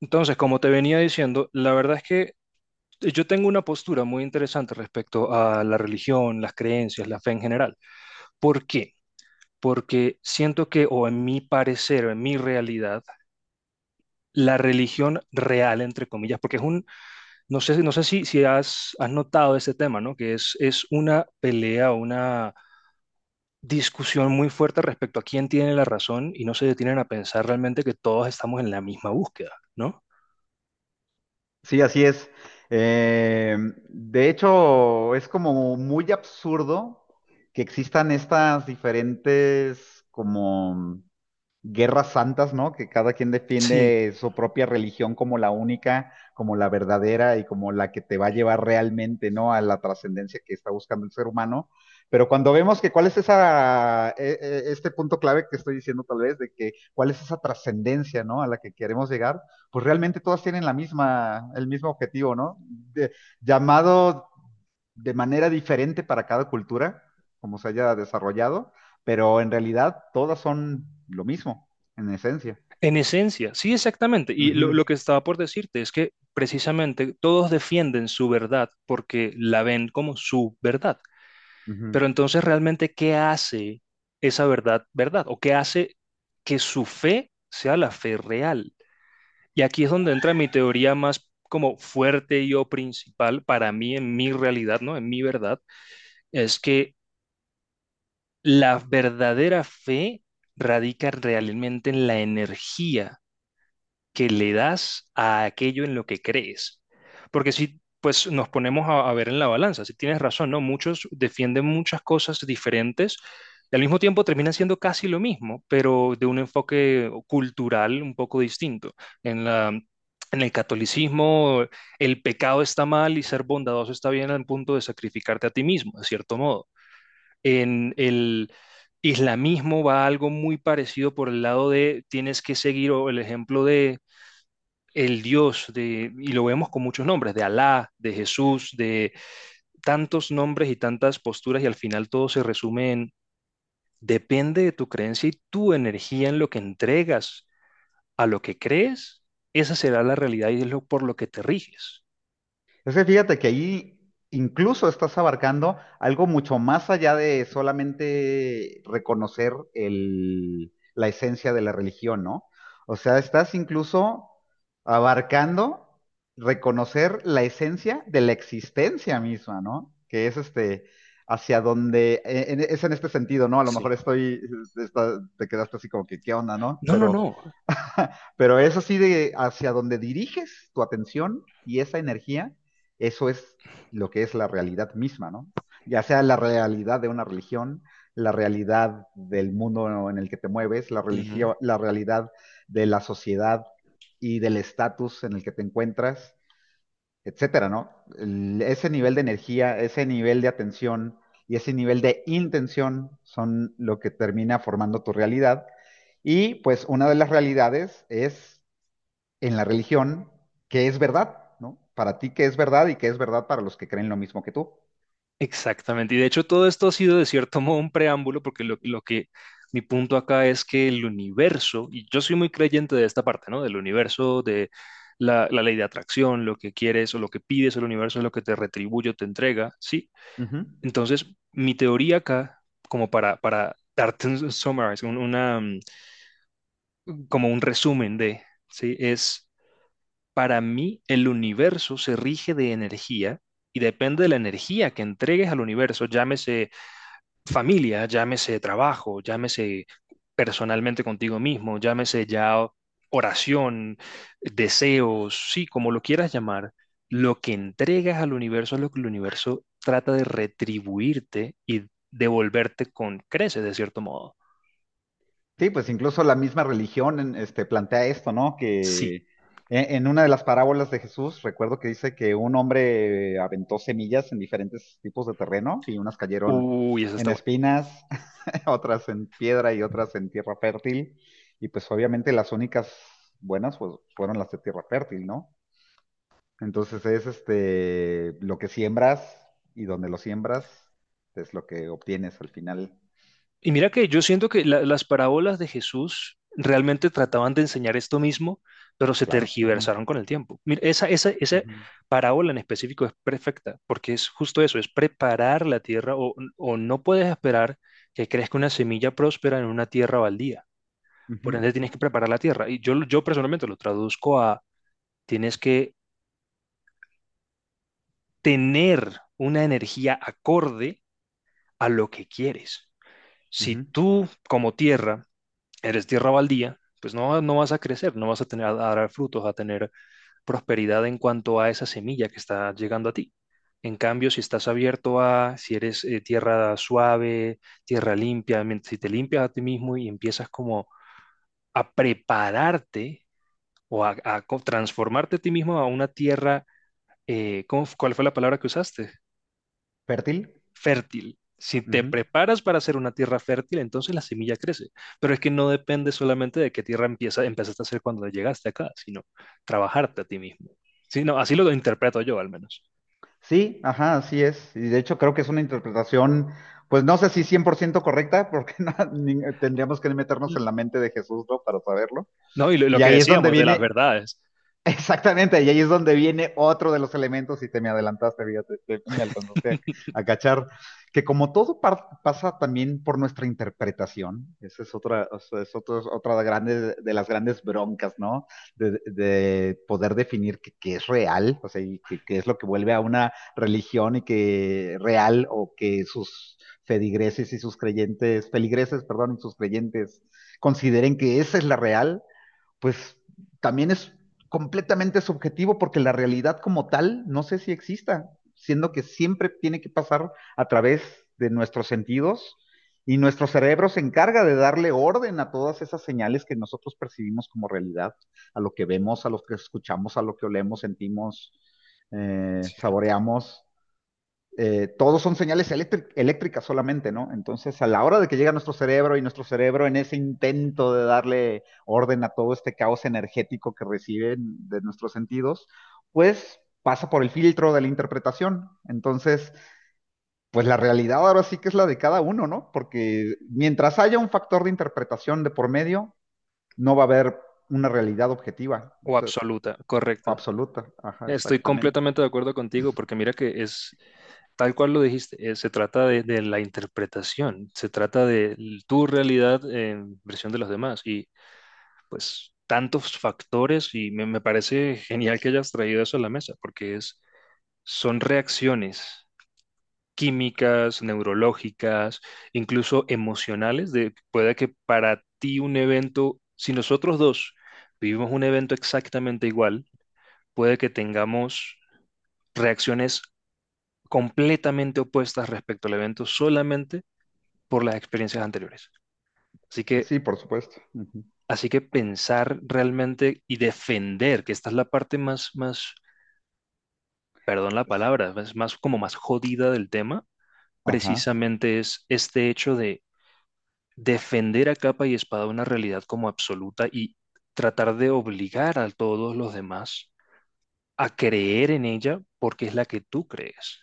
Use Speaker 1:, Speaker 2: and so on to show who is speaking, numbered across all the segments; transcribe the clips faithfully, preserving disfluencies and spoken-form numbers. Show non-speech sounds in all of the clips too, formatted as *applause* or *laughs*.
Speaker 1: Entonces, como te venía diciendo, la verdad es que yo tengo una postura muy interesante respecto a la religión, las creencias, la fe en general. ¿Por qué? Porque siento que, o en mi parecer, o en mi realidad, la religión real, entre comillas, porque es un, no sé, no sé si, si has, has notado ese tema, ¿no? Que es, es una pelea, una discusión muy fuerte respecto a quién tiene la razón y no se detienen a pensar realmente que todos estamos en la misma búsqueda, ¿no?
Speaker 2: Sí, así es. Eh, de hecho, es como muy absurdo que existan estas diferentes como guerras santas, ¿no? Que cada quien
Speaker 1: Sí.
Speaker 2: defiende su propia religión como la única, como la verdadera y como la que te va a llevar realmente, ¿no? A la trascendencia que está buscando el ser humano. Pero cuando vemos que cuál es esa, eh, eh, este punto clave que estoy diciendo tal vez, de que cuál es esa trascendencia, ¿no? A la que queremos llegar, pues realmente todas tienen la misma, el mismo objetivo, ¿no? De- llamado de manera diferente para cada cultura, como se haya desarrollado, pero en realidad todas son lo mismo, en esencia.
Speaker 1: En esencia, sí, exactamente. Y lo,
Speaker 2: Ujú,
Speaker 1: lo que estaba por decirte es que precisamente todos defienden su verdad porque la ven como su verdad.
Speaker 2: ujú.
Speaker 1: Pero entonces, realmente, ¿qué hace esa verdad verdad? ¿O qué hace que su fe sea la fe real? Y aquí es donde entra mi teoría más como fuerte y o principal para mí en mi realidad, ¿no? En mi verdad, es que la verdadera fe radica realmente en la energía que le das a aquello en lo que crees. Porque si pues nos ponemos a, a ver en la balanza, si tienes razón, ¿no? Muchos defienden muchas cosas diferentes y al mismo tiempo terminan siendo casi lo mismo, pero de un enfoque cultural un poco distinto. En la, en el catolicismo, el pecado está mal y ser bondadoso está bien al punto de sacrificarte a ti mismo, de cierto modo. En el islamismo va algo muy parecido por el lado de tienes que seguir o el ejemplo de el Dios, de, y lo vemos con muchos nombres, de Alá, de Jesús, de tantos nombres y tantas posturas, y al final todo se resume en, depende de tu creencia y tu energía en lo que entregas a lo que crees, esa será la realidad y es lo por lo que te riges.
Speaker 2: Es que fíjate que ahí incluso estás abarcando algo mucho más allá de solamente reconocer el- la esencia de la religión, ¿no? O sea, estás incluso abarcando reconocer la esencia de la existencia misma, ¿no? Que es este, hacia donde, en- en- es en este sentido, ¿no? A lo
Speaker 1: Sí.
Speaker 2: mejor estoy, está- te quedaste así como que, ¿qué onda, no?
Speaker 1: No, no,
Speaker 2: Pero...
Speaker 1: no.
Speaker 2: Pero es así de hacia donde diriges tu atención y esa energía, eso es lo que es la realidad misma, ¿no? Ya sea la realidad de una religión, la realidad del mundo en el que te mueves, la
Speaker 1: Uh -huh.
Speaker 2: religión, la realidad de la sociedad y del estatus en el que te encuentras, etcétera, ¿no? El- ese nivel de energía, ese nivel de atención y ese nivel de intención son lo que termina formando tu realidad. Y pues una de las realidades es en la religión que es verdad, ¿no? Para ti que es verdad y que es verdad para los que creen lo mismo que tú.
Speaker 1: Exactamente. Y de hecho todo esto ha sido de cierto *laughs* modo un preámbulo porque lo, lo que mi punto acá es que el universo, y yo soy muy creyente de esta parte, ¿no? Del universo, de la, la ley de atracción, lo que quieres o lo que pides, el universo es lo que te retribuye o te entrega, ¿sí?
Speaker 2: Ujú.
Speaker 1: Entonces, mi teoría acá, como para, para darte un summarize, un- una, mm, como un resumen de, ¿sí? Es, para mí, el universo se rige de energía y depende de la energía que entregues al universo, llámese familia, llámese trabajo, llámese personalmente contigo mismo, llámese ya oración, deseos, sí, como lo quieras llamar, lo que entregas al universo es lo que el universo trata de retribuirte y devolverte con creces, de cierto modo.
Speaker 2: Sí, pues incluso la misma religión en- este, plantea esto, ¿no?
Speaker 1: Sí.
Speaker 2: Que e- en una de las parábolas de Jesús, recuerdo que dice que un hombre aventó semillas en diferentes tipos de terreno y unas cayeron
Speaker 1: Uy, eso
Speaker 2: en
Speaker 1: está bueno.
Speaker 2: espinas, *laughs* otras en piedra y otras en tierra fértil. Y pues obviamente las únicas buenas pues, fueron las de tierra fértil, ¿no? Entonces es este lo que siembras y donde lo siembras es lo que obtienes al final.
Speaker 1: Y mira que yo siento que la- las parábolas de Jesús realmente trataban de enseñar esto mismo, pero se
Speaker 2: Claro. Ujú,
Speaker 1: tergiversaron con el tiempo. Mira, esa, esa, esa
Speaker 2: ujú,
Speaker 1: parábola en específico es perfecta, porque es justo eso, es preparar la tierra o, o no puedes esperar que crezca una semilla próspera en una tierra baldía.
Speaker 2: ujú,
Speaker 1: Por ende, tienes que preparar la tierra. Y yo, lo- yo personalmente lo traduzco a tienes que tener una energía acorde a lo que quieres. Si
Speaker 2: ujú.
Speaker 1: tú como tierra eres tierra baldía, pues no, no vas a crecer, no vas a tener a dar frutos, a tener prosperidad en cuanto a esa semilla que está llegando a ti. En cambio, si estás abierto a, si eres eh, tierra suave, tierra limpia, mien- si te limpias a ti mismo y empiezas como a prepararte o a, a co- transformarte a ti mismo a una tierra, eh, ¿cómo f- ¿cuál fue la palabra que usaste?
Speaker 2: Fértil.
Speaker 1: Fértil. Si te
Speaker 2: Ujú.
Speaker 1: preparas para hacer una tierra fértil, entonces la semilla crece. Pero es que no depende solamente de qué tierra empieza, empezaste a hacer cuando llegaste acá, sino trabajarte a ti mismo. Sí, no, así lo interpreto yo al menos.
Speaker 2: Sí, ajá, así es. Y de hecho creo que es una interpretación, pues no sé si cien por ciento correcta, porque *laughs* no- ni- tendríamos que meternos en la mente de Jesús, ¿no? Para saberlo.
Speaker 1: No, y lo, lo
Speaker 2: Y
Speaker 1: que
Speaker 2: ahí es donde
Speaker 1: decíamos de las
Speaker 2: viene.
Speaker 1: verdades.
Speaker 2: Exactamente, y ahí es donde viene otro de los elementos, y te me adelantaste, fíjate, te- me alcanzaste a,
Speaker 1: *laughs*
Speaker 2: a cachar, que como todo par- pasa también por nuestra interpretación, esa es otra, o sea, es otro- es otra de, grande- de las grandes broncas, ¿no? De, de poder definir qué qué es real, o sea, y qué qué es lo que vuelve a una religión y que real, o que sus feligreses y sus creyentes, feligreses, perdón, y sus creyentes consideren que esa es la real pues también es completamente subjetivo porque la realidad como tal no sé si exista, siendo que siempre tiene que pasar a través de nuestros sentidos y nuestro cerebro se encarga de darle orden a todas esas señales que nosotros percibimos como realidad, a lo que vemos, a lo que escuchamos, a lo que olemos, sentimos, eh,
Speaker 1: Cierto.
Speaker 2: saboreamos eh, todos son señales eléctric- eléctricas solamente, ¿no? Entonces, a la hora de que llega nuestro cerebro y nuestro cerebro en ese intento de darle orden a todo este caos energético que reciben de nuestros sentidos, pues pasa por el filtro de la interpretación. Entonces, pues la realidad ahora sí que es la de cada uno, ¿no? Porque mientras haya un factor de interpretación de por medio, no va a haber una realidad objetiva, o
Speaker 1: O
Speaker 2: sea,
Speaker 1: absoluta, correcto.
Speaker 2: absoluta. Ajá,
Speaker 1: Estoy
Speaker 2: exactamente.
Speaker 1: completamente de acuerdo contigo porque mira que es tal cual lo dijiste, eh, se trata de, de la interpretación, se trata de l- tu realidad en versión de los demás. Y pues tantos factores y me, me parece genial que hayas traído eso a la mesa, porque es, son reacciones químicas, neurológicas, incluso emocionales, de puede que para ti un evento, si nosotros dos vivimos un evento exactamente igual, puede que tengamos reacciones completamente opuestas respecto al evento solamente por las experiencias anteriores. Así que,
Speaker 2: Sí, por supuesto. Ujú.
Speaker 1: así que pensar realmente y defender, que esta es la parte más, más perdón la palabra, es más como más jodida del tema,
Speaker 2: Ajá.
Speaker 1: precisamente es este hecho de defender a capa y espada una realidad como absoluta y tratar de obligar a todos los demás a creer en ella porque es la que tú crees.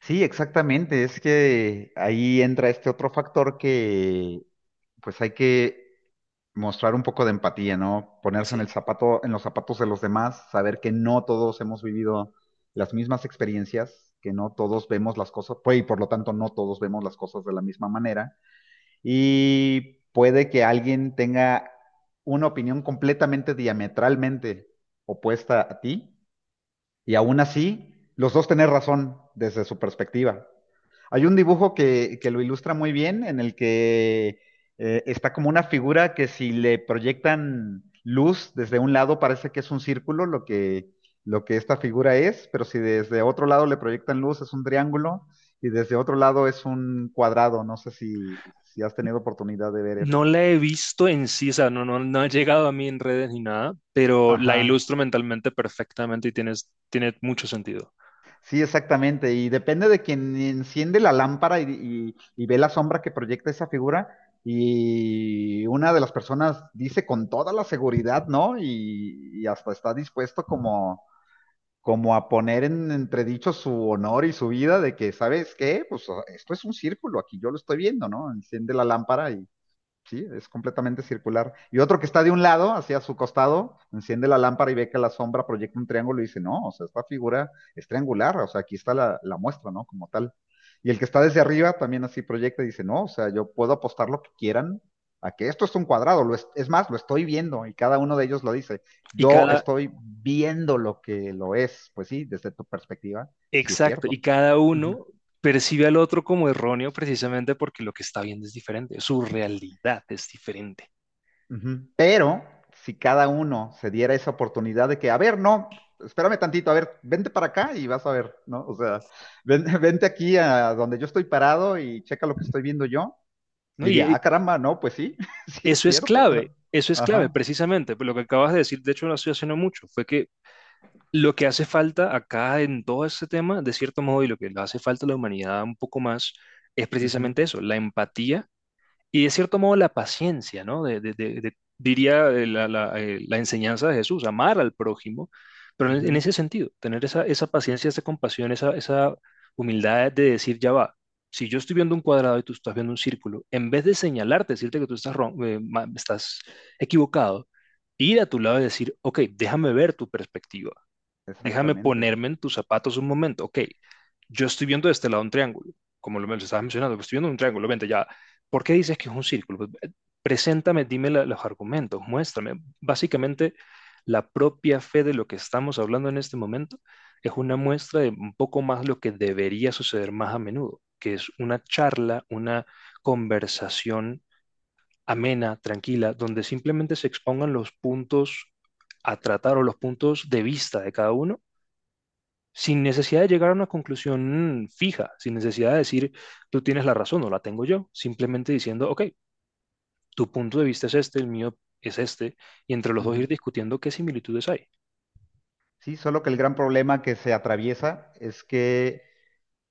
Speaker 2: Sí, exactamente. Es que ahí entra este otro factor que pues hay que mostrar un poco de empatía, ¿no? Ponerse en
Speaker 1: Sí.
Speaker 2: el zapato, en los zapatos de los demás, saber que no todos hemos vivido las mismas experiencias, que no todos vemos las cosas, pues, y por lo tanto no todos vemos las cosas de la misma manera. Y puede que alguien tenga una opinión completamente diametralmente opuesta a ti y aún así, los dos tener razón desde su perspectiva. Hay un dibujo que, que lo ilustra muy bien en el que eh, está como una figura que si le proyectan luz desde un lado parece que es un círculo lo que, lo que esta figura es, pero si desde otro lado le proyectan luz es un triángulo y desde otro lado es un cuadrado. No sé si, si has tenido oportunidad de ver.
Speaker 1: No la he visto en sí, o sea, no, no, no ha llegado a mí en redes ni nada, pero la
Speaker 2: Ajá.
Speaker 1: ilustro mentalmente perfectamente y tienes, tiene mucho sentido.
Speaker 2: Sí, exactamente. Y depende de quien enciende la lámpara y, y- y ve la sombra que proyecta esa figura. Y una de las personas dice con toda la seguridad, ¿no? Y, y hasta está dispuesto como, como a poner en entredicho su honor y su vida de que, ¿sabes qué? Pues esto es un círculo, aquí yo lo estoy viendo, ¿no? Enciende la lámpara. Sí, es completamente circular. Y otro que está de un lado, hacia su costado, enciende la lámpara y ve que la sombra proyecta un triángulo y dice, no, o sea, esta figura es triangular, o sea, aquí está la, la muestra, ¿no? Como tal. Y el que está desde arriba también así proyecta y dice, no, o sea, yo puedo apostar lo que quieran a que esto es un cuadrado, lo es, es, más, lo estoy viendo y cada uno de ellos lo dice,
Speaker 1: Y
Speaker 2: yo
Speaker 1: cada,
Speaker 2: estoy viendo lo que lo es, pues sí, desde tu perspectiva, sí es
Speaker 1: Exacto, y
Speaker 2: cierto.
Speaker 1: cada
Speaker 2: Uh -huh.
Speaker 1: uno percibe al otro como erróneo precisamente porque lo que está viendo es diferente, su realidad es diferente,
Speaker 2: Ujú. Pero si cada uno se diera esa oportunidad de que, a ver, no, espérame tantito, a ver, vente para acá y vas a ver, ¿no? O sea, ven- *laughs* vente aquí a donde yo estoy parado y checa lo que estoy viendo yo,
Speaker 1: ¿no? Y
Speaker 2: diría,
Speaker 1: eh,
Speaker 2: ah, caramba, no, pues sí, *laughs* sí es
Speaker 1: eso es
Speaker 2: cierto.
Speaker 1: clave, eso es clave
Speaker 2: Ajá,
Speaker 1: precisamente, pero lo que acabas de decir, de hecho lo estoy haciendo mucho, fue que lo que hace falta acá en todo este tema, de cierto modo, y lo que le hace falta a la humanidad un poco más, es
Speaker 2: ujú,
Speaker 1: precisamente eso, la empatía. Y de cierto modo la paciencia, ¿no? De, de- de- de- diría eh, la, la, eh, la enseñanza de Jesús, amar al prójimo, pero en, en
Speaker 2: ujú,
Speaker 1: ese sentido, tener esa, esa paciencia, esa compasión, esa, esa humildad de decir, ya va, si yo estoy viendo un cuadrado y tú estás viendo un círculo, en vez de señalarte, decirte que tú estás, ron- eh, ma- estás equivocado, ir a tu lado y decir, ok, déjame ver tu perspectiva. Déjame
Speaker 2: exactamente.
Speaker 1: ponerme en tus zapatos un momento. Ok, yo estoy viendo de este lado un triángulo, como lo me lo estabas mencionando, pero estoy viendo un triángulo. Vente ya. ¿Por qué dices que es un círculo? Pues, eh, preséntame, dime la- los argumentos, muéstrame. Básicamente, la propia fe de lo que estamos hablando en este momento es una muestra de un poco más lo que debería suceder más a menudo, que es una charla, una conversación amena, tranquila, donde simplemente se expongan los puntos a tratar o los puntos de vista de cada uno sin necesidad de llegar a una conclusión fija, sin necesidad de decir, tú tienes la razón o la tengo yo, simplemente diciendo, ok, tu punto de vista es este, el mío es este, y entre los dos
Speaker 2: Ujú.
Speaker 1: ir discutiendo qué similitudes hay.
Speaker 2: Sí, solo que el gran problema que se atraviesa es que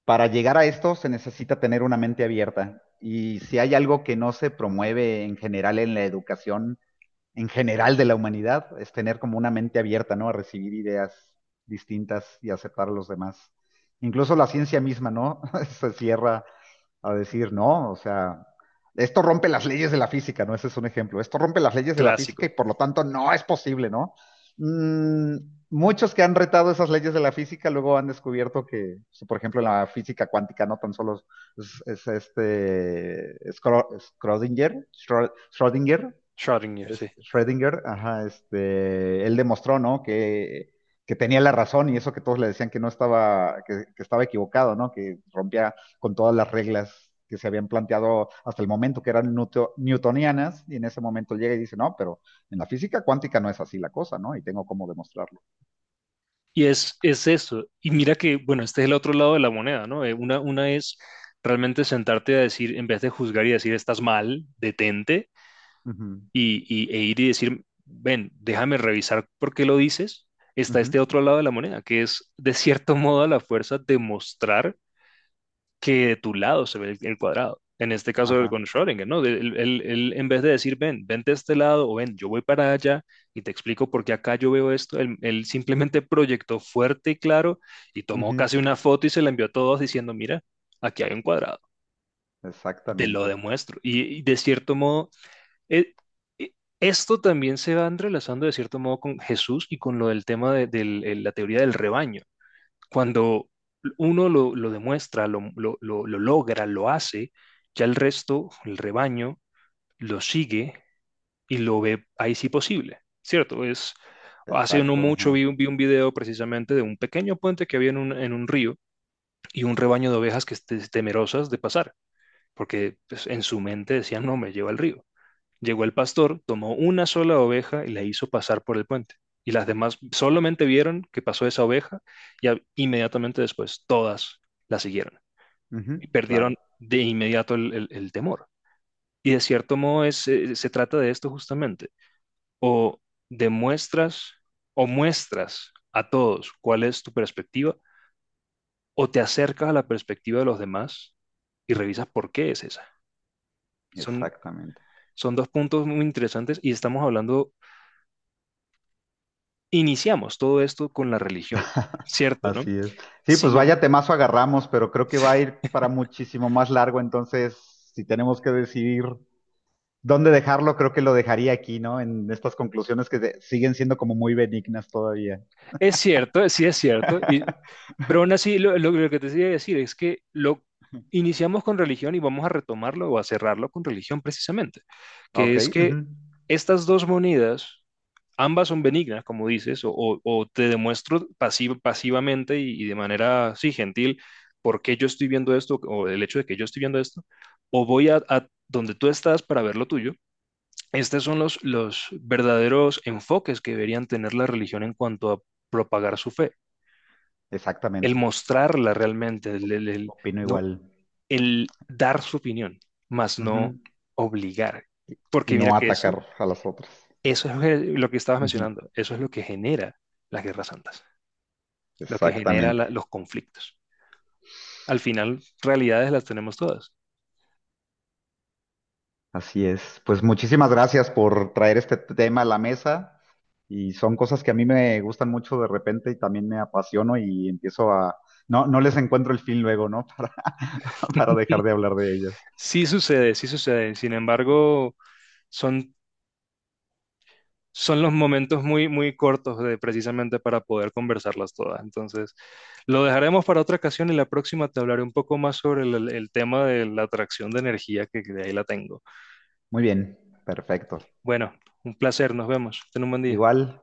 Speaker 2: para llegar a esto se necesita tener una mente abierta. Y si hay algo que no se promueve en general en la educación, en general de la humanidad, es tener como una mente abierta, ¿no? A recibir ideas distintas y aceptar a los demás. Incluso la ciencia misma, ¿no? *laughs* Se cierra a decir, no, o sea, esto rompe las leyes de la física, ¿no? Ese es un ejemplo. Esto rompe las leyes de la física y
Speaker 1: Clásico.
Speaker 2: por lo tanto no es posible, ¿no? Mm, muchos que han retado esas leyes de la física luego han descubierto que, pues, por ejemplo, en la física cuántica no tan solo es, es este Schrödinger, Schrödinger,
Speaker 1: Schrödinger, sí.
Speaker 2: es Schrödinger, ajá, este, él demostró, ¿no? Que, que tenía la razón y eso que todos le decían que no estaba, que, que estaba equivocado, ¿no? Que rompía con todas las reglas que se habían planteado hasta el momento, que eran newto- newtonianas, y en ese momento llega y dice, no, pero en la física cuántica no es así la cosa, ¿no? Y tengo cómo demostrarlo.
Speaker 1: Y es, es eso. Y mira que, bueno, este es el otro lado de la moneda, ¿no? Eh, Una, una es realmente sentarte a decir, en vez de juzgar y decir, estás mal, detente, y, y- e ir y decir, ven, déjame revisar por qué lo dices, está
Speaker 2: Ujú, ujú,
Speaker 1: este otro lado de la moneda, que es de cierto *laughs* modo a la fuerza demostrar que de tu lado se ve el, el cuadrado. En este caso
Speaker 2: ajá,
Speaker 1: con Schrödinger, ¿no? De- Él, él- él, en vez de decir, ven, vente de este lado o ven, yo voy para allá y te explico por qué acá yo veo esto, él, él simplemente proyectó fuerte y claro y tomó
Speaker 2: ujú,
Speaker 1: casi una foto y se la envió a todos diciendo, mira, aquí hay un cuadrado, te lo
Speaker 2: exactamente,
Speaker 1: demuestro. y y de cierto modo eh, eh, esto también se va entrelazando de cierto modo con Jesús y con lo del tema de, del- el- la teoría del rebaño. Cuando uno lo, lo demuestra, lo, lo- lo- lo logra, lo hace, ya el resto, el rebaño, lo sigue y lo ve ahí sí posible, ¿cierto? Es, hace no
Speaker 2: exacto,
Speaker 1: mucho
Speaker 2: ajá,
Speaker 1: vi, un- vi un video precisamente de un pequeño puente que había en un, en un río y un rebaño de ovejas que esté temerosas de pasar, porque pues, en su mente decían, no, me lleva al río. Llegó el pastor, tomó una sola oveja y la hizo pasar por el puente. Y las demás solamente vieron que pasó esa oveja y a- inmediatamente después todas la siguieron.
Speaker 2: ujú,
Speaker 1: Y perdieron
Speaker 2: claro,
Speaker 1: de inmediato el, el- el temor. Y de cierto modo es, eh, se trata de esto justamente. O demuestras o muestras a todos cuál es tu perspectiva o te acercas a la perspectiva de los demás y revisas por qué es esa. Son,
Speaker 2: exactamente.
Speaker 1: son dos puntos muy interesantes y estamos hablando iniciamos todo esto con la religión,
Speaker 2: *laughs*
Speaker 1: ¿cierto, no?
Speaker 2: Así es. Sí, pues
Speaker 1: Sin em-
Speaker 2: vaya temazo agarramos, pero creo que va a ir para muchísimo más largo, entonces si tenemos que decidir dónde dejarlo, creo que lo dejaría aquí, ¿no? En estas conclusiones que se- siguen siendo como muy benignas todavía.
Speaker 1: Es cierto, sí es cierto, y,
Speaker 2: *laughs*
Speaker 1: pero aún así lo, lo- lo que te quería decir es que lo iniciamos con religión y vamos a retomarlo o a cerrarlo con religión precisamente, que
Speaker 2: Ok,
Speaker 1: es que
Speaker 2: ujú.
Speaker 1: estas dos monedas, ambas son benignas, como dices, o, o- o te demuestro pasiv- pasivamente y, y de manera, sí, gentil, por qué yo estoy viendo esto o el hecho de que yo estoy viendo esto, o voy a a donde tú estás para ver lo tuyo. Estos son los, los verdaderos enfoques que deberían tener la religión en cuanto a propagar su fe, el
Speaker 2: Exactamente.
Speaker 1: mostrarla realmente, el, el- el-
Speaker 2: Opino
Speaker 1: no,
Speaker 2: igual.
Speaker 1: el dar su opinión, más no
Speaker 2: Ujú.
Speaker 1: obligar.
Speaker 2: Y
Speaker 1: Porque mira
Speaker 2: no
Speaker 1: que eso,
Speaker 2: atacar a las otras.
Speaker 1: eso es el- lo que estabas
Speaker 2: Ujú.
Speaker 1: mencionando, eso es lo que genera las guerras santas, lo que genera
Speaker 2: Exactamente.
Speaker 1: la- los conflictos. Al final, realidades las tenemos todas.
Speaker 2: Así es. Pues muchísimas gracias por traer este tema a la mesa. Y son cosas que a mí me gustan mucho de repente y también me apasiono y empiezo a... No, no les encuentro el fin luego, ¿no? *laughs* Para, para dejar de hablar de ellas.
Speaker 1: Sí sucede, sí sucede. Sin embargo, son son los momentos muy, muy cortos de, precisamente para poder conversarlas todas. Entonces, lo dejaremos para otra ocasión y la próxima te hablaré un poco más sobre el, el tema de la atracción de energía, que de ahí la tengo.
Speaker 2: Muy bien, perfecto.
Speaker 1: Bueno, un placer, nos vemos. Ten un buen día.
Speaker 2: Igual,